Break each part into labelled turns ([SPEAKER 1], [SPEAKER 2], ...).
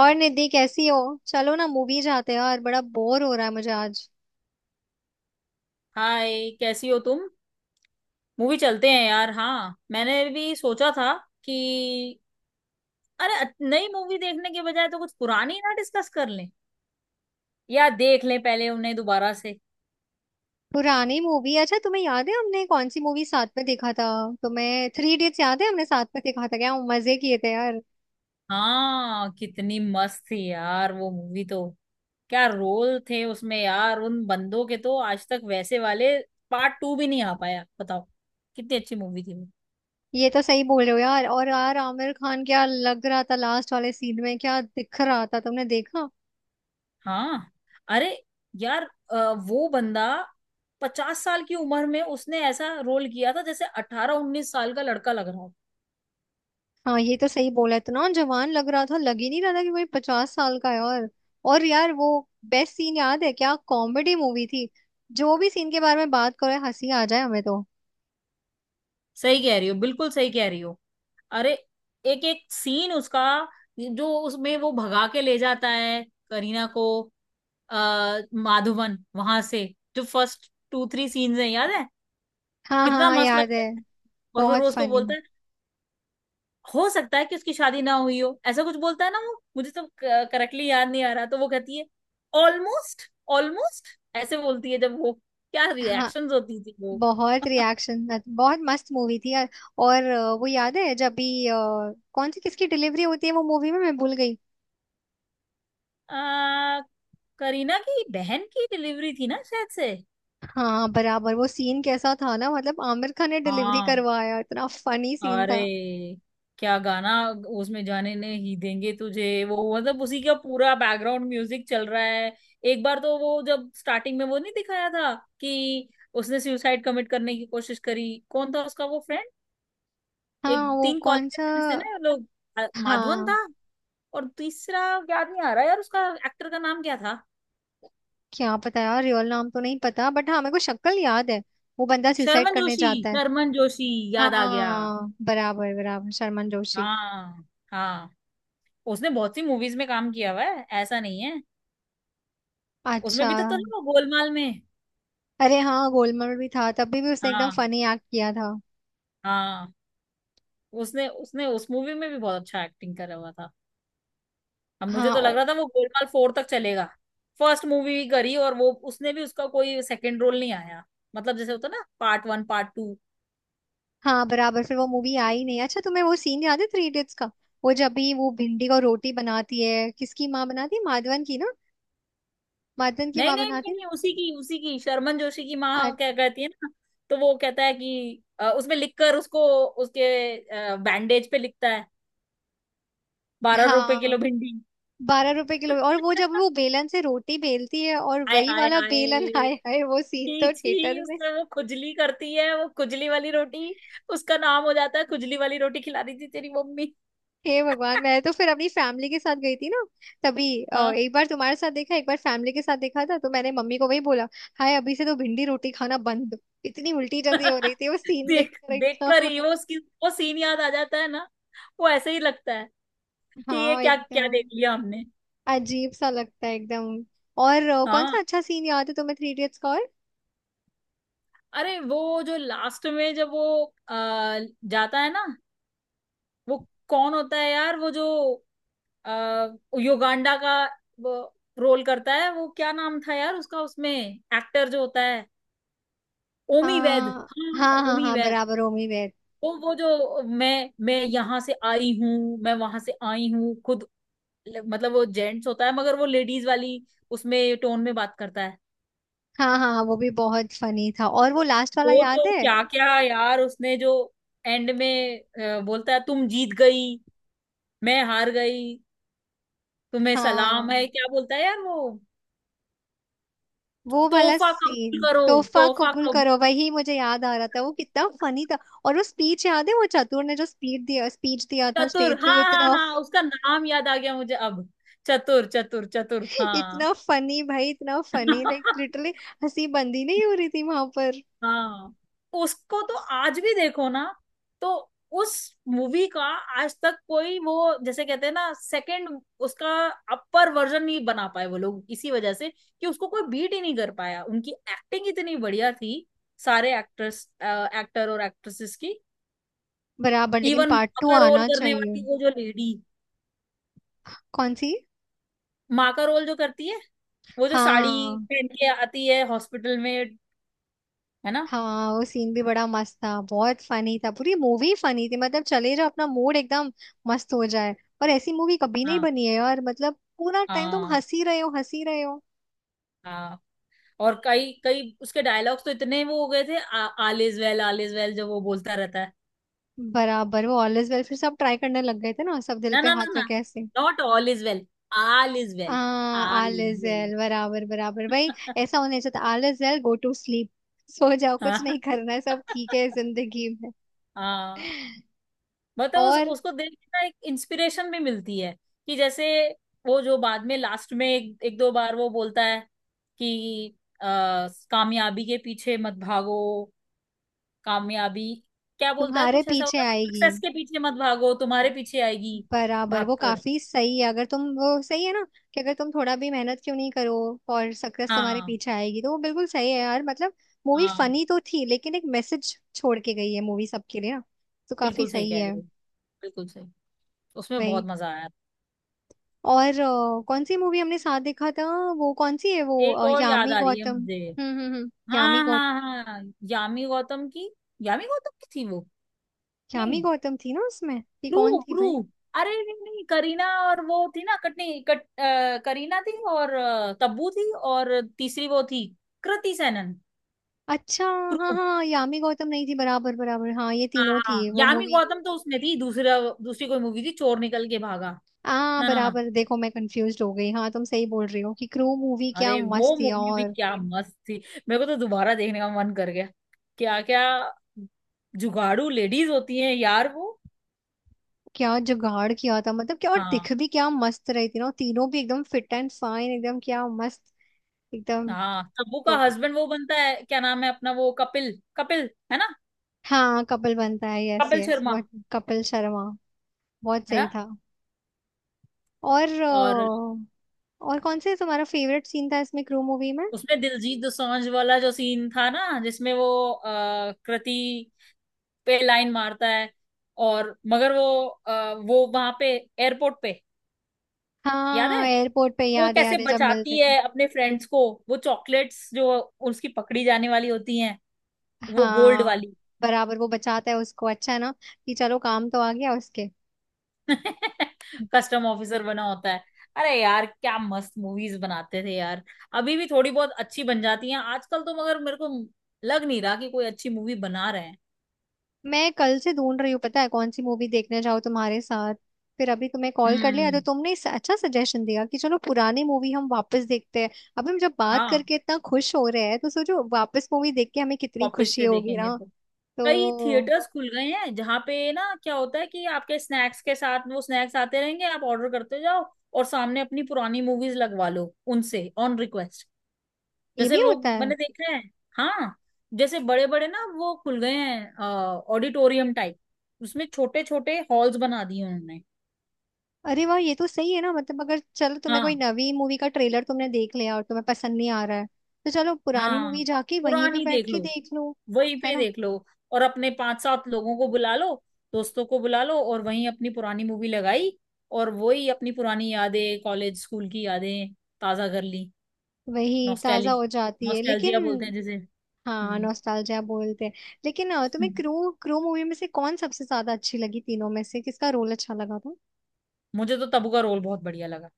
[SPEAKER 1] और निधि कैसी हो। चलो ना, मूवी जाते हैं यार, बड़ा बोर हो रहा है मुझे आज।
[SPEAKER 2] हाय, कैसी हो तुम। मूवी चलते हैं यार। हाँ, मैंने भी सोचा था कि अरे, नई मूवी देखने के बजाय तो कुछ पुरानी ना डिस्कस कर लें, या देख लें पहले उन्हें दोबारा से।
[SPEAKER 1] पुरानी मूवी? अच्छा, तुम्हें याद है हमने कौन सी मूवी साथ में देखा था? तुम्हें थ्री इडियट्स याद है? हमने साथ में देखा था, क्या मजे किए थे यार।
[SPEAKER 2] हाँ, कितनी मस्त थी यार वो मूवी तो। क्या रोल थे उसमें यार उन बंदों के, तो आज तक वैसे वाले पार्ट टू भी नहीं आ पाया, बताओ। कितनी अच्छी मूवी थी वो।
[SPEAKER 1] ये तो सही बोल रहे हो यार। और यार आमिर खान क्या लग रहा था लास्ट वाले सीन में, क्या दिख रहा था तुमने देखा?
[SPEAKER 2] हाँ, अरे यार, अ, वो बंदा 50 साल की उम्र में उसने ऐसा रोल किया था जैसे 18 19 साल का लड़का लग रहा हो।
[SPEAKER 1] हाँ, ये तो सही बोला, इतना जवान लग रहा था, लग ही नहीं रहा था कि कोई 50 साल का है। और यार वो बेस्ट सीन याद है? क्या कॉमेडी मूवी थी। जो भी सीन के बारे में बात करो, हंसी आ जाए हमें तो।
[SPEAKER 2] सही कह रही हो, बिल्कुल सही कह रही हो। अरे, एक एक सीन उसका, जो उसमें वो भगा के ले जाता है करीना को, माधवन वहां से, जो फर्स्ट टू थ्री सीन्स हैं, याद है।
[SPEAKER 1] हाँ, हाँ,
[SPEAKER 2] कितना
[SPEAKER 1] हाँ,
[SPEAKER 2] मस्त
[SPEAKER 1] याद है।
[SPEAKER 2] लगता है। और फिर
[SPEAKER 1] बहुत
[SPEAKER 2] वो उसको
[SPEAKER 1] फनी।
[SPEAKER 2] बोलता है, हो सकता है कि उसकी शादी ना हुई हो, ऐसा कुछ बोलता है ना वो। मुझे तो करेक्टली याद नहीं आ रहा। तो वो कहती है, ऑलमोस्ट, ऑलमोस्ट, ऐसे बोलती है जब वो। क्या
[SPEAKER 1] हाँ,
[SPEAKER 2] रिएक्शंस होती थी वो।
[SPEAKER 1] बहुत रिएक्शन। बहुत मस्त मूवी थी यार। और वो याद है जब भी कौन सी किसकी डिलीवरी होती है वो मूवी में, मैं भूल गई।
[SPEAKER 2] आ, करीना की बहन की डिलीवरी थी ना शायद से।
[SPEAKER 1] हाँ बराबर, वो सीन कैसा था ना, मतलब आमिर खान ने डिलीवरी
[SPEAKER 2] हाँ,
[SPEAKER 1] करवाया, इतना फनी सीन
[SPEAKER 2] अरे
[SPEAKER 1] था।
[SPEAKER 2] क्या गाना उसमें, जाने ने ही देंगे तुझे वो, मतलब उसी का पूरा बैकग्राउंड म्यूजिक चल रहा है। एक बार तो वो, जब स्टार्टिंग में वो नहीं दिखाया था कि उसने सुसाइड कमिट करने की कोशिश करी, कौन था उसका वो फ्रेंड। एक
[SPEAKER 1] हाँ, वो
[SPEAKER 2] तीन कॉलेज
[SPEAKER 1] कौन
[SPEAKER 2] के
[SPEAKER 1] सा?
[SPEAKER 2] फ्रेंड्स थे ना ये लोग। माधवन था।
[SPEAKER 1] हाँ,
[SPEAKER 2] और तीसरा याद नहीं आ रहा यार, उसका एक्टर का नाम क्या था।
[SPEAKER 1] क्या पता यार, रियल नाम तो नहीं पता, बट हाँ मेरे को शक्ल याद है। वो बंदा सुसाइड
[SPEAKER 2] शर्मन
[SPEAKER 1] करने
[SPEAKER 2] जोशी,
[SPEAKER 1] जाता है।
[SPEAKER 2] शर्मन जोशी, याद आ गया।
[SPEAKER 1] हाँ बराबर बराबर, शर्मन जोशी।
[SPEAKER 2] हाँ, हाँ, उसने बहुत सी मूवीज में काम किया हुआ है, ऐसा नहीं है। उसमें
[SPEAKER 1] अच्छा।
[SPEAKER 2] भी तो ना वो गोलमाल में।
[SPEAKER 1] अरे हाँ, गोलमाल में भी था, तभी भी उसने एकदम
[SPEAKER 2] हाँ,
[SPEAKER 1] फनी एक्ट किया था।
[SPEAKER 2] हाँ, उसने उसने उस मूवी में भी बहुत अच्छा एक्टिंग करा हुआ था। अब मुझे
[SPEAKER 1] हाँ
[SPEAKER 2] तो लग
[SPEAKER 1] ओ-
[SPEAKER 2] रहा था वो गोलमाल फोर तक चलेगा। फर्स्ट मूवी करी और वो उसने भी उसका कोई सेकंड रोल नहीं आया। मतलब जैसे होता ना, पार्ट वन, पार्ट टू।
[SPEAKER 1] हाँ बराबर, फिर वो मूवी आई नहीं। अच्छा, तुम्हें वो सीन याद है थ्री इडियट्स का? वो जब भी वो भिंडी को रोटी बनाती है, किसकी माँ बनाती है, माधवन की ना? माधवन की
[SPEAKER 2] नहीं,
[SPEAKER 1] माँ
[SPEAKER 2] नहीं,
[SPEAKER 1] बनाती
[SPEAKER 2] नहीं,
[SPEAKER 1] है।
[SPEAKER 2] नहीं, उसी की शर्मन जोशी की
[SPEAKER 1] ना?
[SPEAKER 2] माँ,
[SPEAKER 1] अ-
[SPEAKER 2] क्या कहती है ना। तो वो कहता है कि उसमें लिखकर उसको, उसके बैंडेज पे लिखता है, 12 रुपए
[SPEAKER 1] हाँ,
[SPEAKER 2] किलो भिंडी।
[SPEAKER 1] 12 रुपए किलो। और वो जब वो बेलन से रोटी बेलती है और
[SPEAKER 2] हाय,
[SPEAKER 1] वही
[SPEAKER 2] हाय,
[SPEAKER 1] वाला बेलन
[SPEAKER 2] हाय,
[SPEAKER 1] हाय हाय, वो सीन
[SPEAKER 2] छी
[SPEAKER 1] तो थिएटर
[SPEAKER 2] छी,
[SPEAKER 1] में।
[SPEAKER 2] उससे वो खुजली करती है, वो खुजली वाली रोटी। उसका नाम हो जाता है खुजली वाली रोटी। खिला रही थी तेरी मम्मी।
[SPEAKER 1] हे भगवान, मैं तो फिर अपनी फैमिली के साथ गई थी ना। तभी
[SPEAKER 2] हाँ।
[SPEAKER 1] एक बार तुम्हारे साथ देखा, एक बार फैमिली के साथ देखा था, तो मैंने मम्मी को वही बोला। हाय, अभी से तो भिंडी रोटी खाना बंद। इतनी उल्टी जैसी हो रही थी वो सीन
[SPEAKER 2] देख
[SPEAKER 1] देखकर
[SPEAKER 2] देख कर
[SPEAKER 1] एकदम।
[SPEAKER 2] ही वो उसकी, वो सीन याद आ जाता है ना। वो ऐसे ही लगता है कि ये
[SPEAKER 1] हाँ
[SPEAKER 2] क्या क्या
[SPEAKER 1] एकदम।
[SPEAKER 2] देख लिया हमने।
[SPEAKER 1] अजीब सा लगता है एकदम। और कौन
[SPEAKER 2] हाँ।
[SPEAKER 1] सा अच्छा सीन याद है तुम्हें थ्री इडियट्स का? और
[SPEAKER 2] अरे, वो जो लास्ट में जब वो आ, जाता है ना, वो कौन होता है यार, वो जो आ, युगांडा का वो रोल करता है, वो क्या नाम था यार उसका, उसमें एक्टर जो होता है। ओमी वैद,
[SPEAKER 1] हाँ,
[SPEAKER 2] हाँ
[SPEAKER 1] हाँ, हाँ,
[SPEAKER 2] ओमी
[SPEAKER 1] हाँ
[SPEAKER 2] वैद।
[SPEAKER 1] बराबर, होमी वेर।
[SPEAKER 2] वो जो मैं यहाँ से आई हूँ, मैं वहां से आई हूँ खुद। मतलब वो जेंट्स होता है मगर वो लेडीज वाली उसमें टोन में बात करता है।
[SPEAKER 1] हाँ, हाँ, हाँ, वो भी बहुत फनी था। और वो लास्ट वाला
[SPEAKER 2] वो
[SPEAKER 1] याद
[SPEAKER 2] तो
[SPEAKER 1] है?
[SPEAKER 2] क्या क्या यार उसने, जो एंड में बोलता है, तुम जीत गई, मैं हार गई, तुम्हें सलाम है,
[SPEAKER 1] हाँ,
[SPEAKER 2] क्या बोलता है यार वो।
[SPEAKER 1] वो वाला
[SPEAKER 2] तोहफा
[SPEAKER 1] सीन
[SPEAKER 2] कबूल करो,
[SPEAKER 1] तोहफा
[SPEAKER 2] तोहफा
[SPEAKER 1] कबूल
[SPEAKER 2] कबूल।
[SPEAKER 1] करो, वही मुझे याद आ रहा था, वो कितना फनी था। और वो स्पीच याद है, वो चतुर ने जो स्पीच दिया था
[SPEAKER 2] चतुर,
[SPEAKER 1] स्टेज पे,
[SPEAKER 2] हाँ,
[SPEAKER 1] वो
[SPEAKER 2] हाँ,
[SPEAKER 1] इतना
[SPEAKER 2] हाँ, उसका नाम याद आ गया मुझे अब। चतुर, चतुर, चतुर, हाँ।
[SPEAKER 1] इतना फनी भाई, इतना फनी, लाइक लिटरली। हंसी बंदी नहीं हो रही थी वहां पर।
[SPEAKER 2] हाँ, उसको तो आज भी देखो ना, तो उस मूवी का आज तक कोई वो, जैसे कहते हैं ना सेकंड उसका अपर वर्जन नहीं बना पाए वो लोग, इसी वजह से कि उसको कोई बीट ही नहीं कर पाया, उनकी एक्टिंग इतनी बढ़िया थी। सारे एक्टर्स, एक्टर और एक्ट्रेसेस की।
[SPEAKER 1] बराबर, लेकिन
[SPEAKER 2] इवन
[SPEAKER 1] पार्ट
[SPEAKER 2] माँ
[SPEAKER 1] टू
[SPEAKER 2] का रोल
[SPEAKER 1] आना
[SPEAKER 2] करने
[SPEAKER 1] चाहिए।
[SPEAKER 2] वाली वो जो लेडी,
[SPEAKER 1] कौन सी?
[SPEAKER 2] माँ का रोल जो करती है, वो जो साड़ी
[SPEAKER 1] हाँ,
[SPEAKER 2] पहन के आती है हॉस्पिटल में, है ना।
[SPEAKER 1] हाँ, वो सीन भी बड़ा मस्त था, बहुत फनी था, पूरी मूवी फनी थी, मतलब चले जाओ, अपना मूड एकदम मस्त हो जाए। और ऐसी मूवी कभी नहीं
[SPEAKER 2] हाँ,
[SPEAKER 1] बनी है यार, मतलब पूरा टाइम तुम
[SPEAKER 2] हाँ,
[SPEAKER 1] हंसी रहे हो, हंसी रहे हो।
[SPEAKER 2] हाँ, और कई कई उसके डायलॉग्स तो इतने वो हो गए थे, आल is well, all is well, जो वो बोलता रहता है।
[SPEAKER 1] बराबर, वो ऑल इज वेल फिर सब ट्राई करने लग गए थे ना, सब दिल
[SPEAKER 2] ना,
[SPEAKER 1] पे
[SPEAKER 2] ना, ना,
[SPEAKER 1] हाथ
[SPEAKER 2] ना,
[SPEAKER 1] रखे ऐसे।
[SPEAKER 2] Not all is well, all is
[SPEAKER 1] ah
[SPEAKER 2] well. All
[SPEAKER 1] all
[SPEAKER 2] is
[SPEAKER 1] is
[SPEAKER 2] well.
[SPEAKER 1] Well, बराबर बराबर भाई। ऐसा होना चाहिए, all is well, go to sleep. सो जाओ, कुछ
[SPEAKER 2] हाँ,
[SPEAKER 1] नहीं करना है, सब ठीक है जिंदगी में।
[SPEAKER 2] हाँ, मतलब उस,
[SPEAKER 1] और
[SPEAKER 2] उसको देख के ना एक इंस्पिरेशन भी मिलती है, कि जैसे वो जो बाद में लास्ट में एक दो बार वो बोलता है कि अ, कामयाबी के पीछे मत भागो, कामयाबी, क्या बोलता है
[SPEAKER 1] तुम्हारे
[SPEAKER 2] कुछ ऐसा
[SPEAKER 1] पीछे
[SPEAKER 2] होता है ना,
[SPEAKER 1] आएगी।
[SPEAKER 2] सक्सेस के पीछे मत भागो, तुम्हारे पीछे आएगी
[SPEAKER 1] बराबर, वो
[SPEAKER 2] भागकर।
[SPEAKER 1] काफी सही है, अगर तुम, वो सही है ना। कि अगर तुम थोड़ा भी मेहनत क्यों नहीं करो, और सक्सेस तुम्हारे
[SPEAKER 2] हाँ,
[SPEAKER 1] पीछे आएगी, तो वो बिल्कुल सही है यार, मतलब। मूवी
[SPEAKER 2] हाँ,
[SPEAKER 1] फनी तो थी, लेकिन एक मैसेज छोड़ के गई है मूवी सबके लिए ना। तो काफी
[SPEAKER 2] बिल्कुल सही
[SPEAKER 1] सही
[SPEAKER 2] कह
[SPEAKER 1] है।
[SPEAKER 2] रहे हो, बिल्कुल सही। उसमें बहुत
[SPEAKER 1] भाई।
[SPEAKER 2] मजा आया।
[SPEAKER 1] और कौन सी मूवी हमने साथ देखा था? वो कौन सी है, वो
[SPEAKER 2] एक और याद
[SPEAKER 1] यामी
[SPEAKER 2] आ रही है
[SPEAKER 1] गौतम,
[SPEAKER 2] मुझे।
[SPEAKER 1] हम्म, हम्म, हम्म,
[SPEAKER 2] हाँ, हाँ, हाँ, यामी गौतम की, यामी गौतम की थी वो।
[SPEAKER 1] यामी
[SPEAKER 2] नहीं,
[SPEAKER 1] गौतम थी ना उसमें? कि
[SPEAKER 2] प्रू,
[SPEAKER 1] कौन थी
[SPEAKER 2] प्रू,
[SPEAKER 1] भाई?
[SPEAKER 2] अरे नहीं, नहीं, करीना, और वो थी ना कटनी कट, करीना थी, और तब्बू थी, और तीसरी वो थी। कृति सेनन।
[SPEAKER 1] अच्छा। हाँ
[SPEAKER 2] क्रू।
[SPEAKER 1] हाँ, यामी गौतम नहीं थी, बराबर बराबर, हाँ ये
[SPEAKER 2] हाँ,
[SPEAKER 1] तीनों
[SPEAKER 2] हाँ,
[SPEAKER 1] थी वो
[SPEAKER 2] यामी
[SPEAKER 1] मूवी।
[SPEAKER 2] गौतम तो उसमें थी दूसरा, दूसरी कोई मूवी थी, चोर निकल के भागा।
[SPEAKER 1] हाँ
[SPEAKER 2] ना, ना, ना,
[SPEAKER 1] बराबर, देखो मैं कंफ्यूज हो गई। हाँ, तुम सही बोल रही हो कि क्रू मूवी क्या
[SPEAKER 2] अरे
[SPEAKER 1] मस्त
[SPEAKER 2] वो
[SPEAKER 1] थी।
[SPEAKER 2] मूवी भी
[SPEAKER 1] और
[SPEAKER 2] क्या मस्त थी। मेरे को तो दोबारा देखने का मन कर गया। क्या क्या जुगाड़ू लेडीज होती हैं यार वो।
[SPEAKER 1] क्या जुगाड़ किया था, मतलब क्या, और दिख
[SPEAKER 2] हाँ,
[SPEAKER 1] भी क्या मस्त रही थी ना, और तीनों भी एकदम फिट एंड फाइन, एकदम क्या मस्त, एकदम।
[SPEAKER 2] हाँ, तब्बू का
[SPEAKER 1] तो
[SPEAKER 2] हस्बैंड वो बनता है, क्या नाम है अपना वो, कपिल, कपिल है ना।
[SPEAKER 1] हाँ, कपल बनता है, yes
[SPEAKER 2] Kapil
[SPEAKER 1] yes
[SPEAKER 2] Sharma,
[SPEAKER 1] but Kapil Sharma. बहुत
[SPEAKER 2] है ना।
[SPEAKER 1] सही था। और
[SPEAKER 2] और
[SPEAKER 1] अ, और कौन से तुम्हारा फेवरेट सीन था इसमें, क्रू मूवी में?
[SPEAKER 2] उसमें दिलजीत दोसांझ वाला जो सीन था ना, जिसमें वो कृति पे लाइन मारता है, और मगर वो वो वहां पे एयरपोर्ट पे, याद है
[SPEAKER 1] हाँ एयरपोर्ट पे
[SPEAKER 2] वो
[SPEAKER 1] याद है,
[SPEAKER 2] कैसे
[SPEAKER 1] याद है जब मिलते
[SPEAKER 2] बचाती है
[SPEAKER 1] थे।
[SPEAKER 2] अपने फ्रेंड्स को, वो चॉकलेट्स जो उसकी पकड़ी जाने वाली होती हैं, वो गोल्ड
[SPEAKER 1] हाँ
[SPEAKER 2] वाली।
[SPEAKER 1] बराबर, वो बचाता है उसको, अच्छा है ना, कि चलो काम तो आ गया उसके।
[SPEAKER 2] कस्टम ऑफिसर बना होता है। अरे यार क्या मस्त मूवीज बनाते थे यार। अभी भी थोड़ी बहुत अच्छी बन जाती हैं आजकल तो, मगर मेरे को लग नहीं रहा कि कोई अच्छी मूवी बना रहे हैं।
[SPEAKER 1] मैं कल से ढूंढ रही हूँ, पता है कौन सी मूवी देखने जाऊँ तुम्हारे साथ। फिर अभी तुम्हें कॉल कर लिया,
[SPEAKER 2] हम्म।
[SPEAKER 1] तो तुमने इस अच्छा सजेशन दिया कि चलो पुरानी मूवी हम वापस देखते हैं। अब हम जब बात
[SPEAKER 2] हाँ,
[SPEAKER 1] करके इतना खुश हो रहे हैं, तो सोचो वापस मूवी देख के हमें कितनी
[SPEAKER 2] कॉपीज
[SPEAKER 1] खुशी
[SPEAKER 2] से
[SPEAKER 1] होगी
[SPEAKER 2] देखेंगे
[SPEAKER 1] ना।
[SPEAKER 2] तो। कई
[SPEAKER 1] तो
[SPEAKER 2] थिएटर्स खुल गए हैं जहाँ पे ना क्या होता है, कि आपके स्नैक्स के साथ वो स्नैक्स आते रहेंगे, आप ऑर्डर करते जाओ, और सामने अपनी पुरानी मूवीज लगवा लो उनसे ऑन रिक्वेस्ट,
[SPEAKER 1] ये
[SPEAKER 2] जैसे
[SPEAKER 1] भी होता
[SPEAKER 2] लोग,
[SPEAKER 1] है।
[SPEAKER 2] मैंने देखा है। हाँ, जैसे बड़े बड़े ना वो खुल गए हैं, ऑडिटोरियम टाइप, उसमें छोटे छोटे हॉल्स बना दिए उन्होंने।
[SPEAKER 1] अरे वाह, ये तो सही है ना, मतलब अगर चलो, तुम्हें
[SPEAKER 2] हाँ,
[SPEAKER 1] कोई नवी मूवी का ट्रेलर तुमने देख लिया और तुम्हें पसंद नहीं आ रहा है, तो चलो पुरानी
[SPEAKER 2] हाँ,
[SPEAKER 1] मूवी जाके वहीं पे
[SPEAKER 2] पुरानी
[SPEAKER 1] बैठ
[SPEAKER 2] देख
[SPEAKER 1] के
[SPEAKER 2] लो,
[SPEAKER 1] देख लो,
[SPEAKER 2] वहीं
[SPEAKER 1] है
[SPEAKER 2] पे
[SPEAKER 1] ना।
[SPEAKER 2] देख लो, और अपने पांच सात लोगों को बुला लो, दोस्तों को बुला लो और वहीं अपनी पुरानी मूवी लगाई, और वही अपनी पुरानी यादें, कॉलेज स्कूल की यादें ताजा कर ली।
[SPEAKER 1] वही ताजा
[SPEAKER 2] नॉस्टैली
[SPEAKER 1] हो जाती है लेकिन।
[SPEAKER 2] नॉस्टैल्जिया बोलते हैं जिसे।
[SPEAKER 1] हाँ,
[SPEAKER 2] हम्म,
[SPEAKER 1] नॉस्टैल्जिया बोलते हैं। लेकिन तुम्हें
[SPEAKER 2] हम्म।
[SPEAKER 1] क्रू क्रू मूवी में से कौन सबसे ज्यादा अच्छी लगी, तीनों में से किसका रोल अच्छा लगा था?
[SPEAKER 2] मुझे तो तब्बू का रोल बहुत बढ़िया लगा।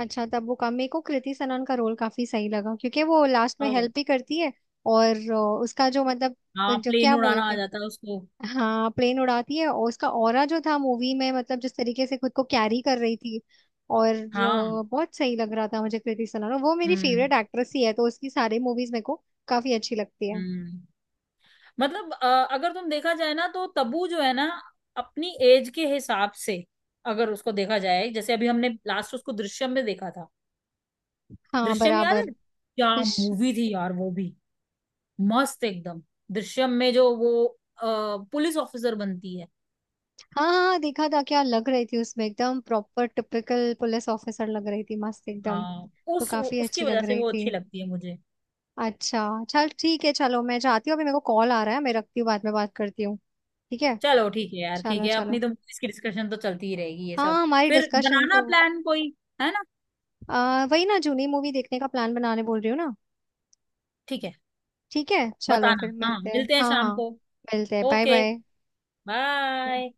[SPEAKER 1] अच्छा, तब वो का मेरे को कृति सनन का रोल काफी सही लगा, क्योंकि वो लास्ट में
[SPEAKER 2] हाँ।
[SPEAKER 1] हेल्प भी करती है। और उसका जो मतलब,
[SPEAKER 2] हाँ,
[SPEAKER 1] जो
[SPEAKER 2] प्लेन
[SPEAKER 1] क्या
[SPEAKER 2] उड़ाना
[SPEAKER 1] बोलते
[SPEAKER 2] आ
[SPEAKER 1] हैं,
[SPEAKER 2] जाता है उसको।
[SPEAKER 1] हाँ प्लेन उड़ाती है, और उसका ऑरा जो था मूवी में, मतलब जिस तरीके से खुद को कैरी कर रही थी। और
[SPEAKER 2] हाँ।
[SPEAKER 1] बहुत सही लग रहा था मुझे, कृति सनोरा वो मेरी
[SPEAKER 2] हम्म,
[SPEAKER 1] फेवरेट एक्ट्रेस ही है, तो उसकी सारी मूवीज मेरे को काफी अच्छी लगती है।
[SPEAKER 2] हम्म। मतलब अगर तुम देखा जाए ना, तो तब्बू जो है ना, अपनी एज के हिसाब से अगर उसको देखा जाए, जैसे अभी हमने लास्ट उसको दृश्यम में देखा था।
[SPEAKER 1] हाँ
[SPEAKER 2] दृश्यम याद है
[SPEAKER 1] बराबर।
[SPEAKER 2] क्या।
[SPEAKER 1] फिश।
[SPEAKER 2] मूवी थी यार वो भी, मस्त एकदम। दृश्यम में जो वो अ, पुलिस ऑफिसर बनती है।
[SPEAKER 1] हाँ, हाँ, हाँ, देखा था, क्या लग रही थी उसमें, एकदम प्रॉपर टिपिकल पुलिस ऑफिसर लग रही थी, मस्त एकदम।
[SPEAKER 2] हाँ।
[SPEAKER 1] तो
[SPEAKER 2] उस
[SPEAKER 1] काफी
[SPEAKER 2] उसकी
[SPEAKER 1] अच्छी लग
[SPEAKER 2] वजह से
[SPEAKER 1] रही
[SPEAKER 2] वो
[SPEAKER 1] थी।
[SPEAKER 2] अच्छी लगती है मुझे।
[SPEAKER 1] अच्छा, चल ठीक है, चलो मैं जाती हूँ, अभी मेरे को कॉल आ रहा है, मैं रखती हूँ, बाद में बात करती हूँ। ठीक है।
[SPEAKER 2] चलो ठीक है यार, ठीक
[SPEAKER 1] चलो
[SPEAKER 2] है, अपनी
[SPEAKER 1] चलो।
[SPEAKER 2] तो इसकी डिस्कशन तो चलती ही रहेगी ये सब।
[SPEAKER 1] हाँ हमारी
[SPEAKER 2] फिर
[SPEAKER 1] डिस्कशन
[SPEAKER 2] बनाना
[SPEAKER 1] तो।
[SPEAKER 2] प्लान कोई, है ना।
[SPEAKER 1] वही ना, जूनी मूवी देखने का प्लान बनाने बोल रही हूँ ना।
[SPEAKER 2] ठीक है,
[SPEAKER 1] ठीक है, चलो फिर
[SPEAKER 2] बताना हाँ,
[SPEAKER 1] मिलते हैं,
[SPEAKER 2] मिलते हैं
[SPEAKER 1] हाँ
[SPEAKER 2] शाम
[SPEAKER 1] हाँ।
[SPEAKER 2] को।
[SPEAKER 1] मिलते हैं, बाय
[SPEAKER 2] ओके,
[SPEAKER 1] बाय।
[SPEAKER 2] बाय।